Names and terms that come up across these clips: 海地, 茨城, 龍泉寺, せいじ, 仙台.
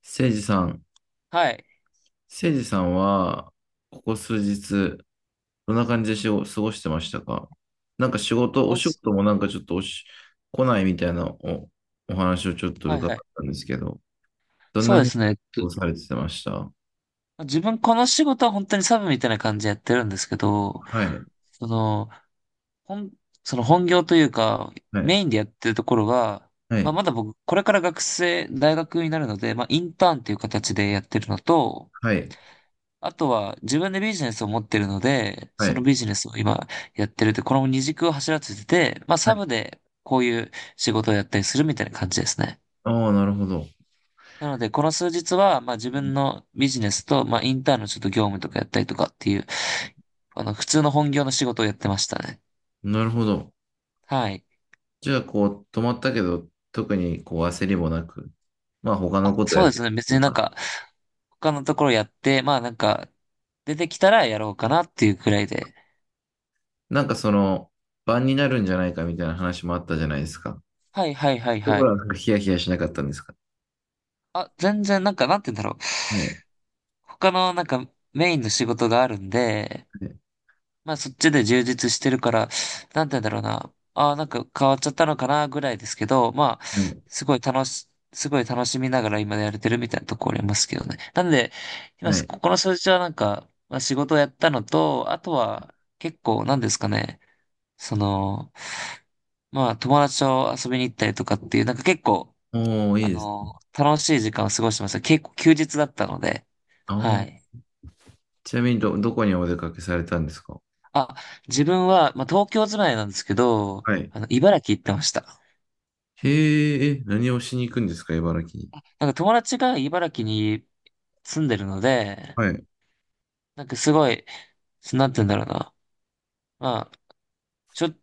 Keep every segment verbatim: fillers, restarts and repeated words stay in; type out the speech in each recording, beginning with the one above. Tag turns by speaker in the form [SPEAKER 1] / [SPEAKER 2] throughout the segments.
[SPEAKER 1] せいじさん、
[SPEAKER 2] はい。
[SPEAKER 1] せいじさんは、ここ数日、どんな感じでしご過ごしてましたか？なんか仕
[SPEAKER 2] こ
[SPEAKER 1] 事、お
[SPEAKER 2] こ
[SPEAKER 1] 仕
[SPEAKER 2] す、
[SPEAKER 1] 事もなんかちょっとおし、来ないみたいなお、お話をちょっと
[SPEAKER 2] はい
[SPEAKER 1] 伺っ
[SPEAKER 2] はい。
[SPEAKER 1] たんですけど、どん
[SPEAKER 2] そ
[SPEAKER 1] な
[SPEAKER 2] う
[SPEAKER 1] ふう
[SPEAKER 2] で
[SPEAKER 1] に過
[SPEAKER 2] すね。
[SPEAKER 1] ごされてましたは
[SPEAKER 2] と自分この仕事は本当にサブみたいな感じでやってるんですけど、
[SPEAKER 1] い、
[SPEAKER 2] その、本、その本業というか、
[SPEAKER 1] はい、
[SPEAKER 2] メインでやってるところが、
[SPEAKER 1] は
[SPEAKER 2] まあ
[SPEAKER 1] い、
[SPEAKER 2] まだ僕、これから学生、大学になるので、まあインターンっていう形でやってるのと、
[SPEAKER 1] はい、
[SPEAKER 2] あとは自分でビジネスを持ってるので、
[SPEAKER 1] は
[SPEAKER 2] その
[SPEAKER 1] い、
[SPEAKER 2] ビジネスを今やってるって、この二軸を走らせてて、まあ
[SPEAKER 1] は
[SPEAKER 2] サ
[SPEAKER 1] い。
[SPEAKER 2] ブでこういう仕事をやったりするみたいな感じですね。
[SPEAKER 1] ああ、なるほど。
[SPEAKER 2] なので、この数日は、まあ自分のビジネスと、まあインターンのちょっと業務とかやったりとかっていう、あの、普通の本業の仕事をやってましたね。
[SPEAKER 1] なるほど。
[SPEAKER 2] はい。
[SPEAKER 1] じゃあ、こう、止まったけど、特にこう焦りもなく、まあ他
[SPEAKER 2] あ、
[SPEAKER 1] のこと
[SPEAKER 2] そ
[SPEAKER 1] や
[SPEAKER 2] う
[SPEAKER 1] っ
[SPEAKER 2] で
[SPEAKER 1] て
[SPEAKER 2] すね。別
[SPEAKER 1] と
[SPEAKER 2] になん
[SPEAKER 1] か。
[SPEAKER 2] か、他のところやって、まあなんか、出てきたらやろうかなっていうくらいで。
[SPEAKER 1] なんかその、晩になるんじゃないかみたいな話もあったじゃないですか。
[SPEAKER 2] はいはいはい
[SPEAKER 1] そういうと
[SPEAKER 2] は
[SPEAKER 1] ころは
[SPEAKER 2] い。
[SPEAKER 1] なんかヒヤヒヤしなかったんですか？
[SPEAKER 2] あ、全然なんか、なんて言うんだろう。
[SPEAKER 1] はい。
[SPEAKER 2] 他のなんか、メインの仕事があるんで、まあそっちで充実してるから、なんて言うんだろうな。ああ、なんか変わっちゃったのかなぐらいですけど、まあ、
[SPEAKER 1] はい。
[SPEAKER 2] すごい楽し、すごい楽しみながら今やれてるみたいなところありますけどね。なんで、今、
[SPEAKER 1] はい。
[SPEAKER 2] ここの数字はなんか、まあ仕事をやったのと、あとは結構なんですかね、その、まあ友達と遊びに行ったりとかっていう、なんか結構、
[SPEAKER 1] おー、い
[SPEAKER 2] あ
[SPEAKER 1] いです。
[SPEAKER 2] の、楽しい時間を過ごしてました。結構休日だったので、は
[SPEAKER 1] ああ、
[SPEAKER 2] い。
[SPEAKER 1] ちなみにど、どこにお出かけされたんですか？
[SPEAKER 2] あ、自分は、まあ、東京住まいなんですけど、
[SPEAKER 1] はい。
[SPEAKER 2] あの、茨城行ってました。
[SPEAKER 1] へえ、え、何をしに行くんですか、茨城に？
[SPEAKER 2] あ、なんか友達が茨城に住んでるので、
[SPEAKER 1] はい。
[SPEAKER 2] なんかすごい、なんて言うんだろうな。まあ、ちょ、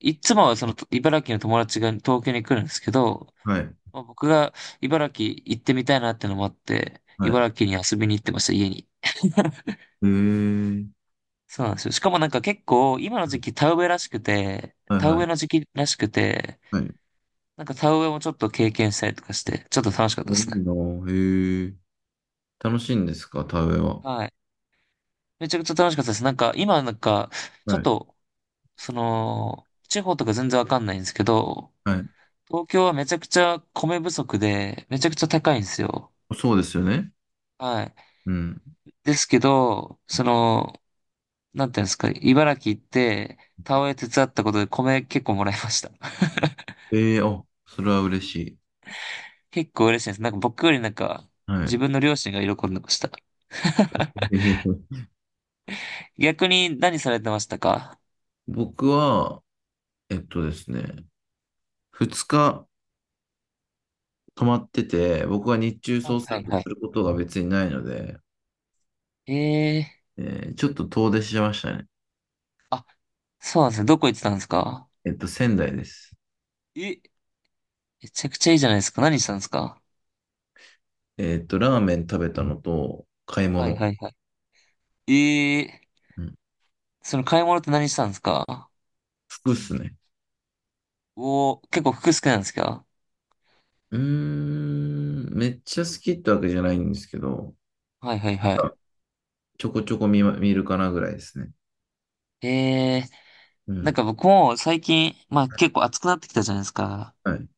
[SPEAKER 2] いつもはその茨城の友達が東京に来るんですけど、
[SPEAKER 1] はい。
[SPEAKER 2] まあ、僕が茨城行ってみたいなってのもあって、
[SPEAKER 1] はい。
[SPEAKER 2] 茨城に遊びに行ってました、家に。
[SPEAKER 1] へえ。
[SPEAKER 2] そうなんですよ。しかもなんか結構、今の時期田植えらしくて、
[SPEAKER 1] はい
[SPEAKER 2] 田
[SPEAKER 1] は
[SPEAKER 2] 植えの
[SPEAKER 1] い。
[SPEAKER 2] 時期らしくて、
[SPEAKER 1] はい。い
[SPEAKER 2] なんか田植えもちょっと経験したりとかして、ちょっと楽しかっ
[SPEAKER 1] い
[SPEAKER 2] たですね。
[SPEAKER 1] なあ。へえ。楽しいんですか、田植えは？
[SPEAKER 2] はい。めちゃくちゃ楽しかったです。なんか、今なんか、ちょ
[SPEAKER 1] は
[SPEAKER 2] っ
[SPEAKER 1] い。
[SPEAKER 2] と、その、地方とか全然わかんないんですけど、
[SPEAKER 1] はい。
[SPEAKER 2] 東京はめちゃくちゃ米不足で、めちゃくちゃ高いんですよ。
[SPEAKER 1] そうですよね。
[SPEAKER 2] はい。
[SPEAKER 1] うん。
[SPEAKER 2] ですけど、その、なんていうんですか、茨城行って、田植え手伝ったことで米結構もらいました。
[SPEAKER 1] ええ、あ、それは嬉しい。
[SPEAKER 2] 結構嬉しいです。なんか僕よりなんか、
[SPEAKER 1] は
[SPEAKER 2] 自
[SPEAKER 1] い。
[SPEAKER 2] 分の両親が喜んでました。
[SPEAKER 1] ええ。
[SPEAKER 2] 逆に何されてましたか？
[SPEAKER 1] 僕は、えっとですね、ふつか泊まってて、僕は日中
[SPEAKER 2] は
[SPEAKER 1] そ
[SPEAKER 2] い
[SPEAKER 1] うす
[SPEAKER 2] は
[SPEAKER 1] る
[SPEAKER 2] い
[SPEAKER 1] と
[SPEAKER 2] は
[SPEAKER 1] す
[SPEAKER 2] い。
[SPEAKER 1] ることが別にないので、
[SPEAKER 2] ええ
[SPEAKER 1] えーちょっと遠出しましたね。
[SPEAKER 2] ー、あ、そうなんですね。どこ行ってたんですか？
[SPEAKER 1] えっと、仙台です。
[SPEAKER 2] え、めちゃくちゃいいじゃないですか。何したんですか？
[SPEAKER 1] えっと、ラーメン食べたのと、買い
[SPEAKER 2] はい
[SPEAKER 1] 物。
[SPEAKER 2] はいはい。ええー、
[SPEAKER 1] うん、
[SPEAKER 2] その買い物って何したんですか？
[SPEAKER 1] 服っすね。
[SPEAKER 2] おー、結構服好きなんですか？
[SPEAKER 1] うーん、めっちゃ好きってわけじゃないんですけど、
[SPEAKER 2] はいはいは
[SPEAKER 1] あ
[SPEAKER 2] い。
[SPEAKER 1] ちょこちょこ見ま、見るかなぐらいですね。
[SPEAKER 2] ええ
[SPEAKER 1] う
[SPEAKER 2] ー、なん
[SPEAKER 1] ん。
[SPEAKER 2] か僕も最近、まあ結構暑くなってきたじゃないですか。
[SPEAKER 1] はい、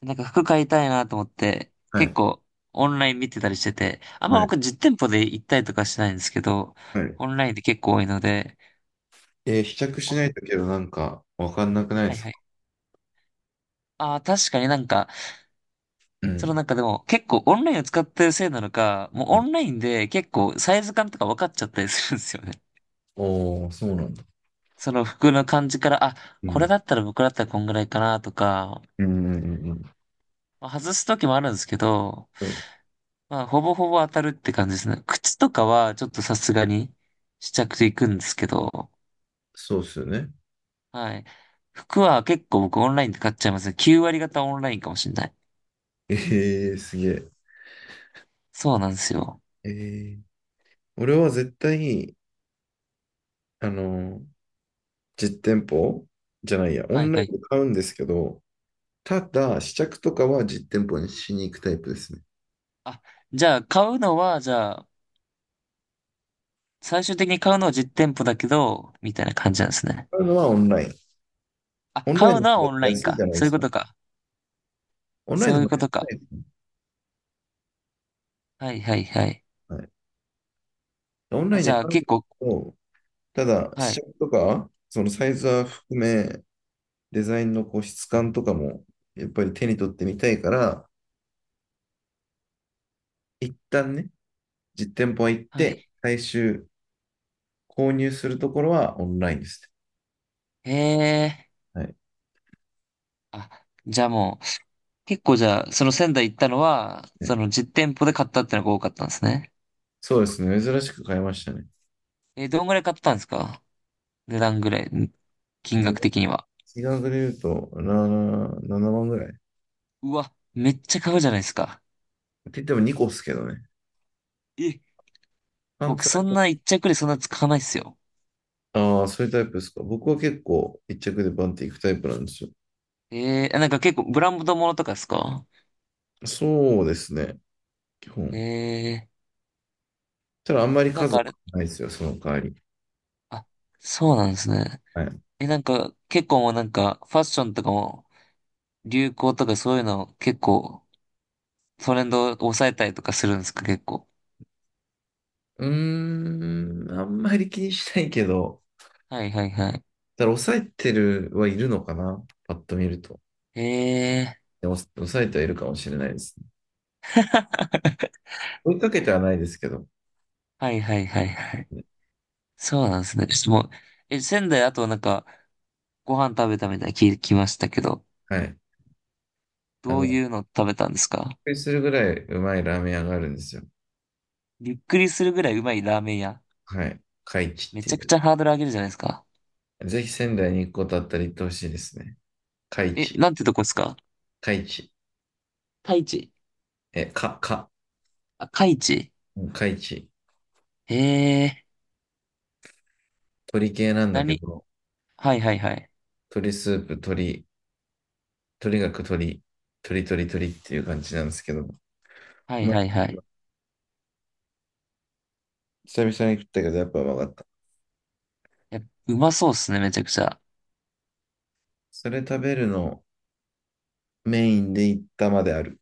[SPEAKER 2] なんか服買いたいなと思って、
[SPEAKER 1] は
[SPEAKER 2] 結
[SPEAKER 1] い、
[SPEAKER 2] 構オンライン見てたりしてて、あんま
[SPEAKER 1] はい、
[SPEAKER 2] 僕実店舗で行ったりとかしてないんですけど、
[SPEAKER 1] はい。
[SPEAKER 2] オンラインで結構多いので、
[SPEAKER 1] えー試着し
[SPEAKER 2] オ
[SPEAKER 1] ない
[SPEAKER 2] ン、
[SPEAKER 1] とけどなんかわかんなくないで
[SPEAKER 2] はい
[SPEAKER 1] す
[SPEAKER 2] は
[SPEAKER 1] か？
[SPEAKER 2] い。ああ、確かになんか、
[SPEAKER 1] う
[SPEAKER 2] その
[SPEAKER 1] ん。
[SPEAKER 2] なんかでも結構オンラインを使ってるせいなのか、もうオンラインで結構サイズ感とか分かっちゃったりするんですよね。
[SPEAKER 1] おー、そうなんだ。
[SPEAKER 2] その服の感じから、あ、
[SPEAKER 1] う
[SPEAKER 2] これ
[SPEAKER 1] ん。
[SPEAKER 2] だったら僕だったらこんぐらいかなとか、
[SPEAKER 1] うんうんうん。
[SPEAKER 2] まあ外す時もあるんですけど、
[SPEAKER 1] うん、
[SPEAKER 2] まあほぼほぼ当たるって感じですね。靴とかはちょっとさすがに試着で行くんですけど、
[SPEAKER 1] そうっすよね。
[SPEAKER 2] はい。服は結構僕オンラインで買っちゃいますね。きゅう割方オンラインかもしれない。
[SPEAKER 1] ええ、すげえ。
[SPEAKER 2] そうなんですよ。
[SPEAKER 1] ええ、俺は絶対に、あの、実店舗じゃないや、オ
[SPEAKER 2] はい
[SPEAKER 1] ンライ
[SPEAKER 2] は
[SPEAKER 1] ン
[SPEAKER 2] い。
[SPEAKER 1] で買うんですけど、ただ、試着とかは実店舗にしに行くタイプですね。
[SPEAKER 2] あ、じゃあ買うのは、じゃあ最終的に買うのは実店舗だけど、みたいな感じなんですね。
[SPEAKER 1] 買うのはオンライン。
[SPEAKER 2] あ、
[SPEAKER 1] オン
[SPEAKER 2] 買
[SPEAKER 1] ライン
[SPEAKER 2] う
[SPEAKER 1] の
[SPEAKER 2] の
[SPEAKER 1] 方
[SPEAKER 2] はオ
[SPEAKER 1] が
[SPEAKER 2] ンライン
[SPEAKER 1] 安いじ
[SPEAKER 2] か。
[SPEAKER 1] ゃないで
[SPEAKER 2] そういう
[SPEAKER 1] す
[SPEAKER 2] こ
[SPEAKER 1] か。
[SPEAKER 2] とか。
[SPEAKER 1] オンライン
[SPEAKER 2] そ
[SPEAKER 1] の
[SPEAKER 2] うい
[SPEAKER 1] 方
[SPEAKER 2] う
[SPEAKER 1] が
[SPEAKER 2] こ
[SPEAKER 1] 安
[SPEAKER 2] と
[SPEAKER 1] くな
[SPEAKER 2] か。
[SPEAKER 1] いですね。
[SPEAKER 2] はいはいはい。
[SPEAKER 1] はい。オン
[SPEAKER 2] あ、
[SPEAKER 1] ライン
[SPEAKER 2] じ
[SPEAKER 1] で
[SPEAKER 2] ゃあ
[SPEAKER 1] 買うん
[SPEAKER 2] 結
[SPEAKER 1] です
[SPEAKER 2] 構、
[SPEAKER 1] けど、ただ、
[SPEAKER 2] は
[SPEAKER 1] 試
[SPEAKER 2] い、
[SPEAKER 1] 着とか、そのサイズは含め、デザインのこう質感とかも、やっぱり手に取ってみたいから、一旦ね、実店舗は行っ
[SPEAKER 2] は
[SPEAKER 1] て、
[SPEAKER 2] い。
[SPEAKER 1] 最終購入するところはオンラインです
[SPEAKER 2] へえ。
[SPEAKER 1] ね。はい。
[SPEAKER 2] あ、じゃあもう、結構じゃあ、その仙台行ったのは、そ
[SPEAKER 1] ね、
[SPEAKER 2] の実店舗で買ったってのが多かったんですね。
[SPEAKER 1] そうですね。珍しく買いましたね。
[SPEAKER 2] え、どんぐらい買ったんですか？値段ぐらい、ん金
[SPEAKER 1] ね、
[SPEAKER 2] 額的には。
[SPEAKER 1] 金額で言うと、なな、ななまんぐらい。っ
[SPEAKER 2] うわ、めっちゃ買うじゃないですか。
[SPEAKER 1] て言ってもにこですけどね。
[SPEAKER 2] え、
[SPEAKER 1] パン
[SPEAKER 2] 僕
[SPEAKER 1] ツは。
[SPEAKER 2] そんな一着でそんな使わないっすよ。
[SPEAKER 1] ああ、そういうタイプですか。僕は結構一着でバンっていくタイプなんですよ。
[SPEAKER 2] えー、なんか結構ブランドものとかですか？
[SPEAKER 1] そうですね。基
[SPEAKER 2] え
[SPEAKER 1] 本。
[SPEAKER 2] ー、
[SPEAKER 1] ただあんまり
[SPEAKER 2] なん
[SPEAKER 1] 数
[SPEAKER 2] か
[SPEAKER 1] は
[SPEAKER 2] あれ、
[SPEAKER 1] ないですよ、その代わり。
[SPEAKER 2] あ、そうなんですね。
[SPEAKER 1] はい。う
[SPEAKER 2] え、なんか、結構もうなんか、ファッションとかも、流行とかそういうの結構、トレンドを抑えたりとかするんですか、結構。
[SPEAKER 1] ーん、あんまり気にしないけど、
[SPEAKER 2] はいはいはい。
[SPEAKER 1] ただから抑えてるはいるのかな。パッと見ると。
[SPEAKER 2] ええー。
[SPEAKER 1] でも、抑えてはいるかもしれないですね。追いかけてはないですけど。ね。
[SPEAKER 2] はいはいはいはい。そうなんですね。ちょっともう、え、仙台あとなんか、ご飯食べたみたいに聞きましたけど、
[SPEAKER 1] はい。あ
[SPEAKER 2] ど
[SPEAKER 1] の、
[SPEAKER 2] う
[SPEAKER 1] びっ
[SPEAKER 2] いうの食べたんですか？
[SPEAKER 1] くりするぐらいうまいラーメン屋があるんですよ。
[SPEAKER 2] びっくりするぐらいうまいラーメン屋。
[SPEAKER 1] はい。海地っ
[SPEAKER 2] め
[SPEAKER 1] て
[SPEAKER 2] ちゃ
[SPEAKER 1] い
[SPEAKER 2] く
[SPEAKER 1] う。
[SPEAKER 2] ちゃハードル上げるじゃないですか。
[SPEAKER 1] ぜひ仙台に行くことあったら行ってほしいですね。海
[SPEAKER 2] え、
[SPEAKER 1] 地。
[SPEAKER 2] なんてとこですか？
[SPEAKER 1] 海地。
[SPEAKER 2] 太一。
[SPEAKER 1] え、か、か。
[SPEAKER 2] あ、海地。
[SPEAKER 1] うん、海地。
[SPEAKER 2] ええー。
[SPEAKER 1] 鳥系なんだけ
[SPEAKER 2] 何？
[SPEAKER 1] ど、
[SPEAKER 2] はいはいはい。
[SPEAKER 1] 鳥スープ、鳥、とにかく鳥、鳥鳥鳥っていう感じなんですけど、
[SPEAKER 2] はい
[SPEAKER 1] ま
[SPEAKER 2] はい
[SPEAKER 1] あ、
[SPEAKER 2] はい。
[SPEAKER 1] 久々に食ったけど、やっぱうまかった。
[SPEAKER 2] え、うまそうっすね、めちゃくちゃ。
[SPEAKER 1] それ食べるのメインで行ったまである。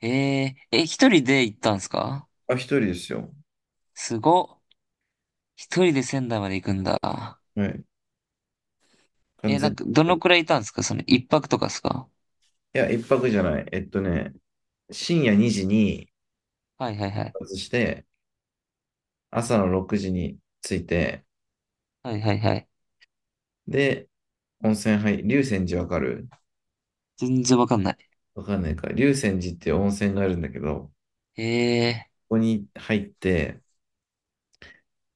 [SPEAKER 2] えええ、一人で行ったんすか？
[SPEAKER 1] あ、一人ですよ。
[SPEAKER 2] すごっ。一人で仙台まで行くんだ。
[SPEAKER 1] はい。完
[SPEAKER 2] え、
[SPEAKER 1] 全
[SPEAKER 2] なん
[SPEAKER 1] に
[SPEAKER 2] か、
[SPEAKER 1] 一
[SPEAKER 2] ど
[SPEAKER 1] 人。
[SPEAKER 2] の
[SPEAKER 1] い
[SPEAKER 2] くらいいたんですか？その一泊とかですか？
[SPEAKER 1] や、一泊じゃない。えっとね、深夜にじに
[SPEAKER 2] はいはいはい。
[SPEAKER 1] 出発して、朝のろくじに着いて、
[SPEAKER 2] はいはいはい。
[SPEAKER 1] で、温泉入、龍泉寺わかる？
[SPEAKER 2] 全然わかんない。
[SPEAKER 1] わかんないか。龍泉寺って温泉があるんだけど、こ
[SPEAKER 2] ええ。
[SPEAKER 1] こに入って、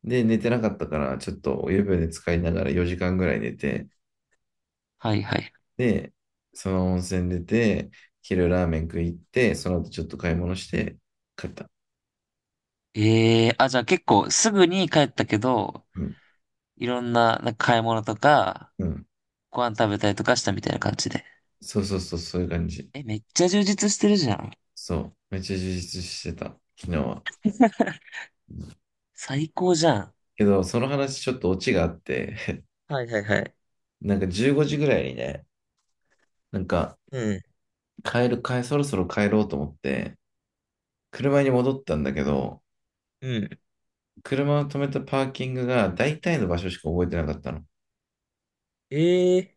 [SPEAKER 1] で、寝てなかったから、ちょっとお湯船で使いながらよじかんぐらい寝て、
[SPEAKER 2] はいはい。
[SPEAKER 1] で、その温泉出て、昼ラーメン食い行って、その後ちょっと買い物して、帰った。
[SPEAKER 2] ええ、あ、じゃあ結構すぐに帰ったけど、
[SPEAKER 1] うん。
[SPEAKER 2] いろんな、なんか買い物とか、
[SPEAKER 1] うん。
[SPEAKER 2] ご飯食べたりとかしたみたいな感じで。
[SPEAKER 1] そうそうそう、そういう感じ。
[SPEAKER 2] え、めっちゃ充実してるじゃん。
[SPEAKER 1] そう。めっちゃ充実してた、昨日は。
[SPEAKER 2] 最高じゃん。
[SPEAKER 1] けど、その話ちょっとオチがあって、
[SPEAKER 2] はいはいはい。
[SPEAKER 1] なんかじゅうごじぐらいにね、なんか
[SPEAKER 2] うん。
[SPEAKER 1] 帰る、帰、そろそろ帰ろうと思って、車に戻ったんだけど、
[SPEAKER 2] うん。
[SPEAKER 1] 車を止めたパーキングが大体の場所しか覚えてなかったの。
[SPEAKER 2] ええ、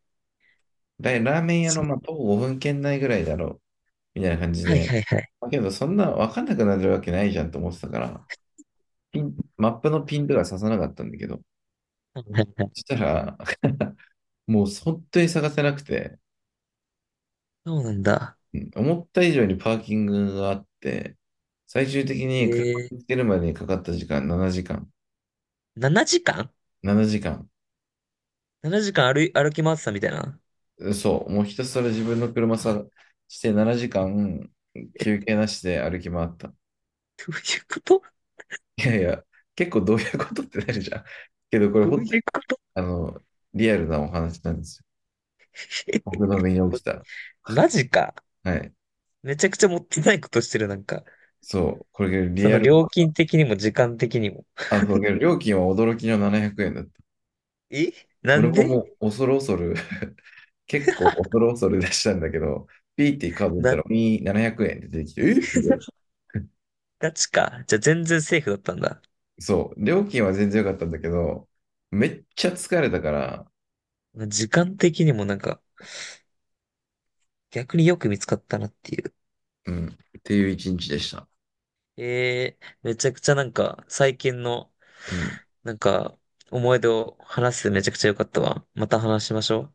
[SPEAKER 1] だいラーメン屋の、
[SPEAKER 2] そう。
[SPEAKER 1] まあ、徒歩ごふん圏内ぐらいだろう、みたいな感じ
[SPEAKER 2] はい
[SPEAKER 1] で。
[SPEAKER 2] はいはい。
[SPEAKER 1] だけど、そんな分かんなくなるわけないじゃんと思ってたから、ピン、マップのピンとか刺さなかったんだけど、
[SPEAKER 2] はいはいはい。
[SPEAKER 1] そしたら、もう本当に探せなくて、
[SPEAKER 2] そうなんだ。
[SPEAKER 1] うん、思った以上にパーキングがあって、最終的に車
[SPEAKER 2] えー、
[SPEAKER 1] を見つけるまでにかかった時間ななじかん。
[SPEAKER 2] ななじかん？
[SPEAKER 1] ななじかん。
[SPEAKER 2] ななじかん 時間歩い、歩き回ってたみたいな。
[SPEAKER 1] そう、もうひたすら自分の車さしてななじかん休憩なしで歩き回った。
[SPEAKER 2] どういうこと？
[SPEAKER 1] いやいや、結構どういうことってなるじゃん。けどこれ
[SPEAKER 2] どう
[SPEAKER 1] 本当
[SPEAKER 2] い
[SPEAKER 1] に、
[SPEAKER 2] うこと？
[SPEAKER 1] あの、リアルなお話なんですよ。僕 の身に起きた。
[SPEAKER 2] マジか。
[SPEAKER 1] はい。
[SPEAKER 2] めちゃくちゃもったいないことしてる、なんか。
[SPEAKER 1] そう、これ
[SPEAKER 2] そ
[SPEAKER 1] リア
[SPEAKER 2] の
[SPEAKER 1] ル、
[SPEAKER 2] 料金的にも時間的にも。
[SPEAKER 1] あ、そう、けど料金は驚きのななひゃくえんだった。
[SPEAKER 2] え、な
[SPEAKER 1] 俺
[SPEAKER 2] ん
[SPEAKER 1] も
[SPEAKER 2] で？
[SPEAKER 1] もう恐る恐る 結構恐る恐る出したんだけど、ピーってカード見
[SPEAKER 2] な
[SPEAKER 1] た
[SPEAKER 2] んで？
[SPEAKER 1] ら、みーななひゃくえんって出てきて、えみたいな。
[SPEAKER 2] ガチか。じゃあ全然セーフだったんだ。
[SPEAKER 1] そう、料金は全然良かったんだけど、めっちゃ疲れたから、
[SPEAKER 2] 時間的にもなんか、逆によく見つかったなっていう。
[SPEAKER 1] うん。っていう一日でした。
[SPEAKER 2] えー、めちゃくちゃなんか、最近の
[SPEAKER 1] うん。
[SPEAKER 2] なんか、思い出を話すめちゃくちゃ良かったわ。また話しましょう。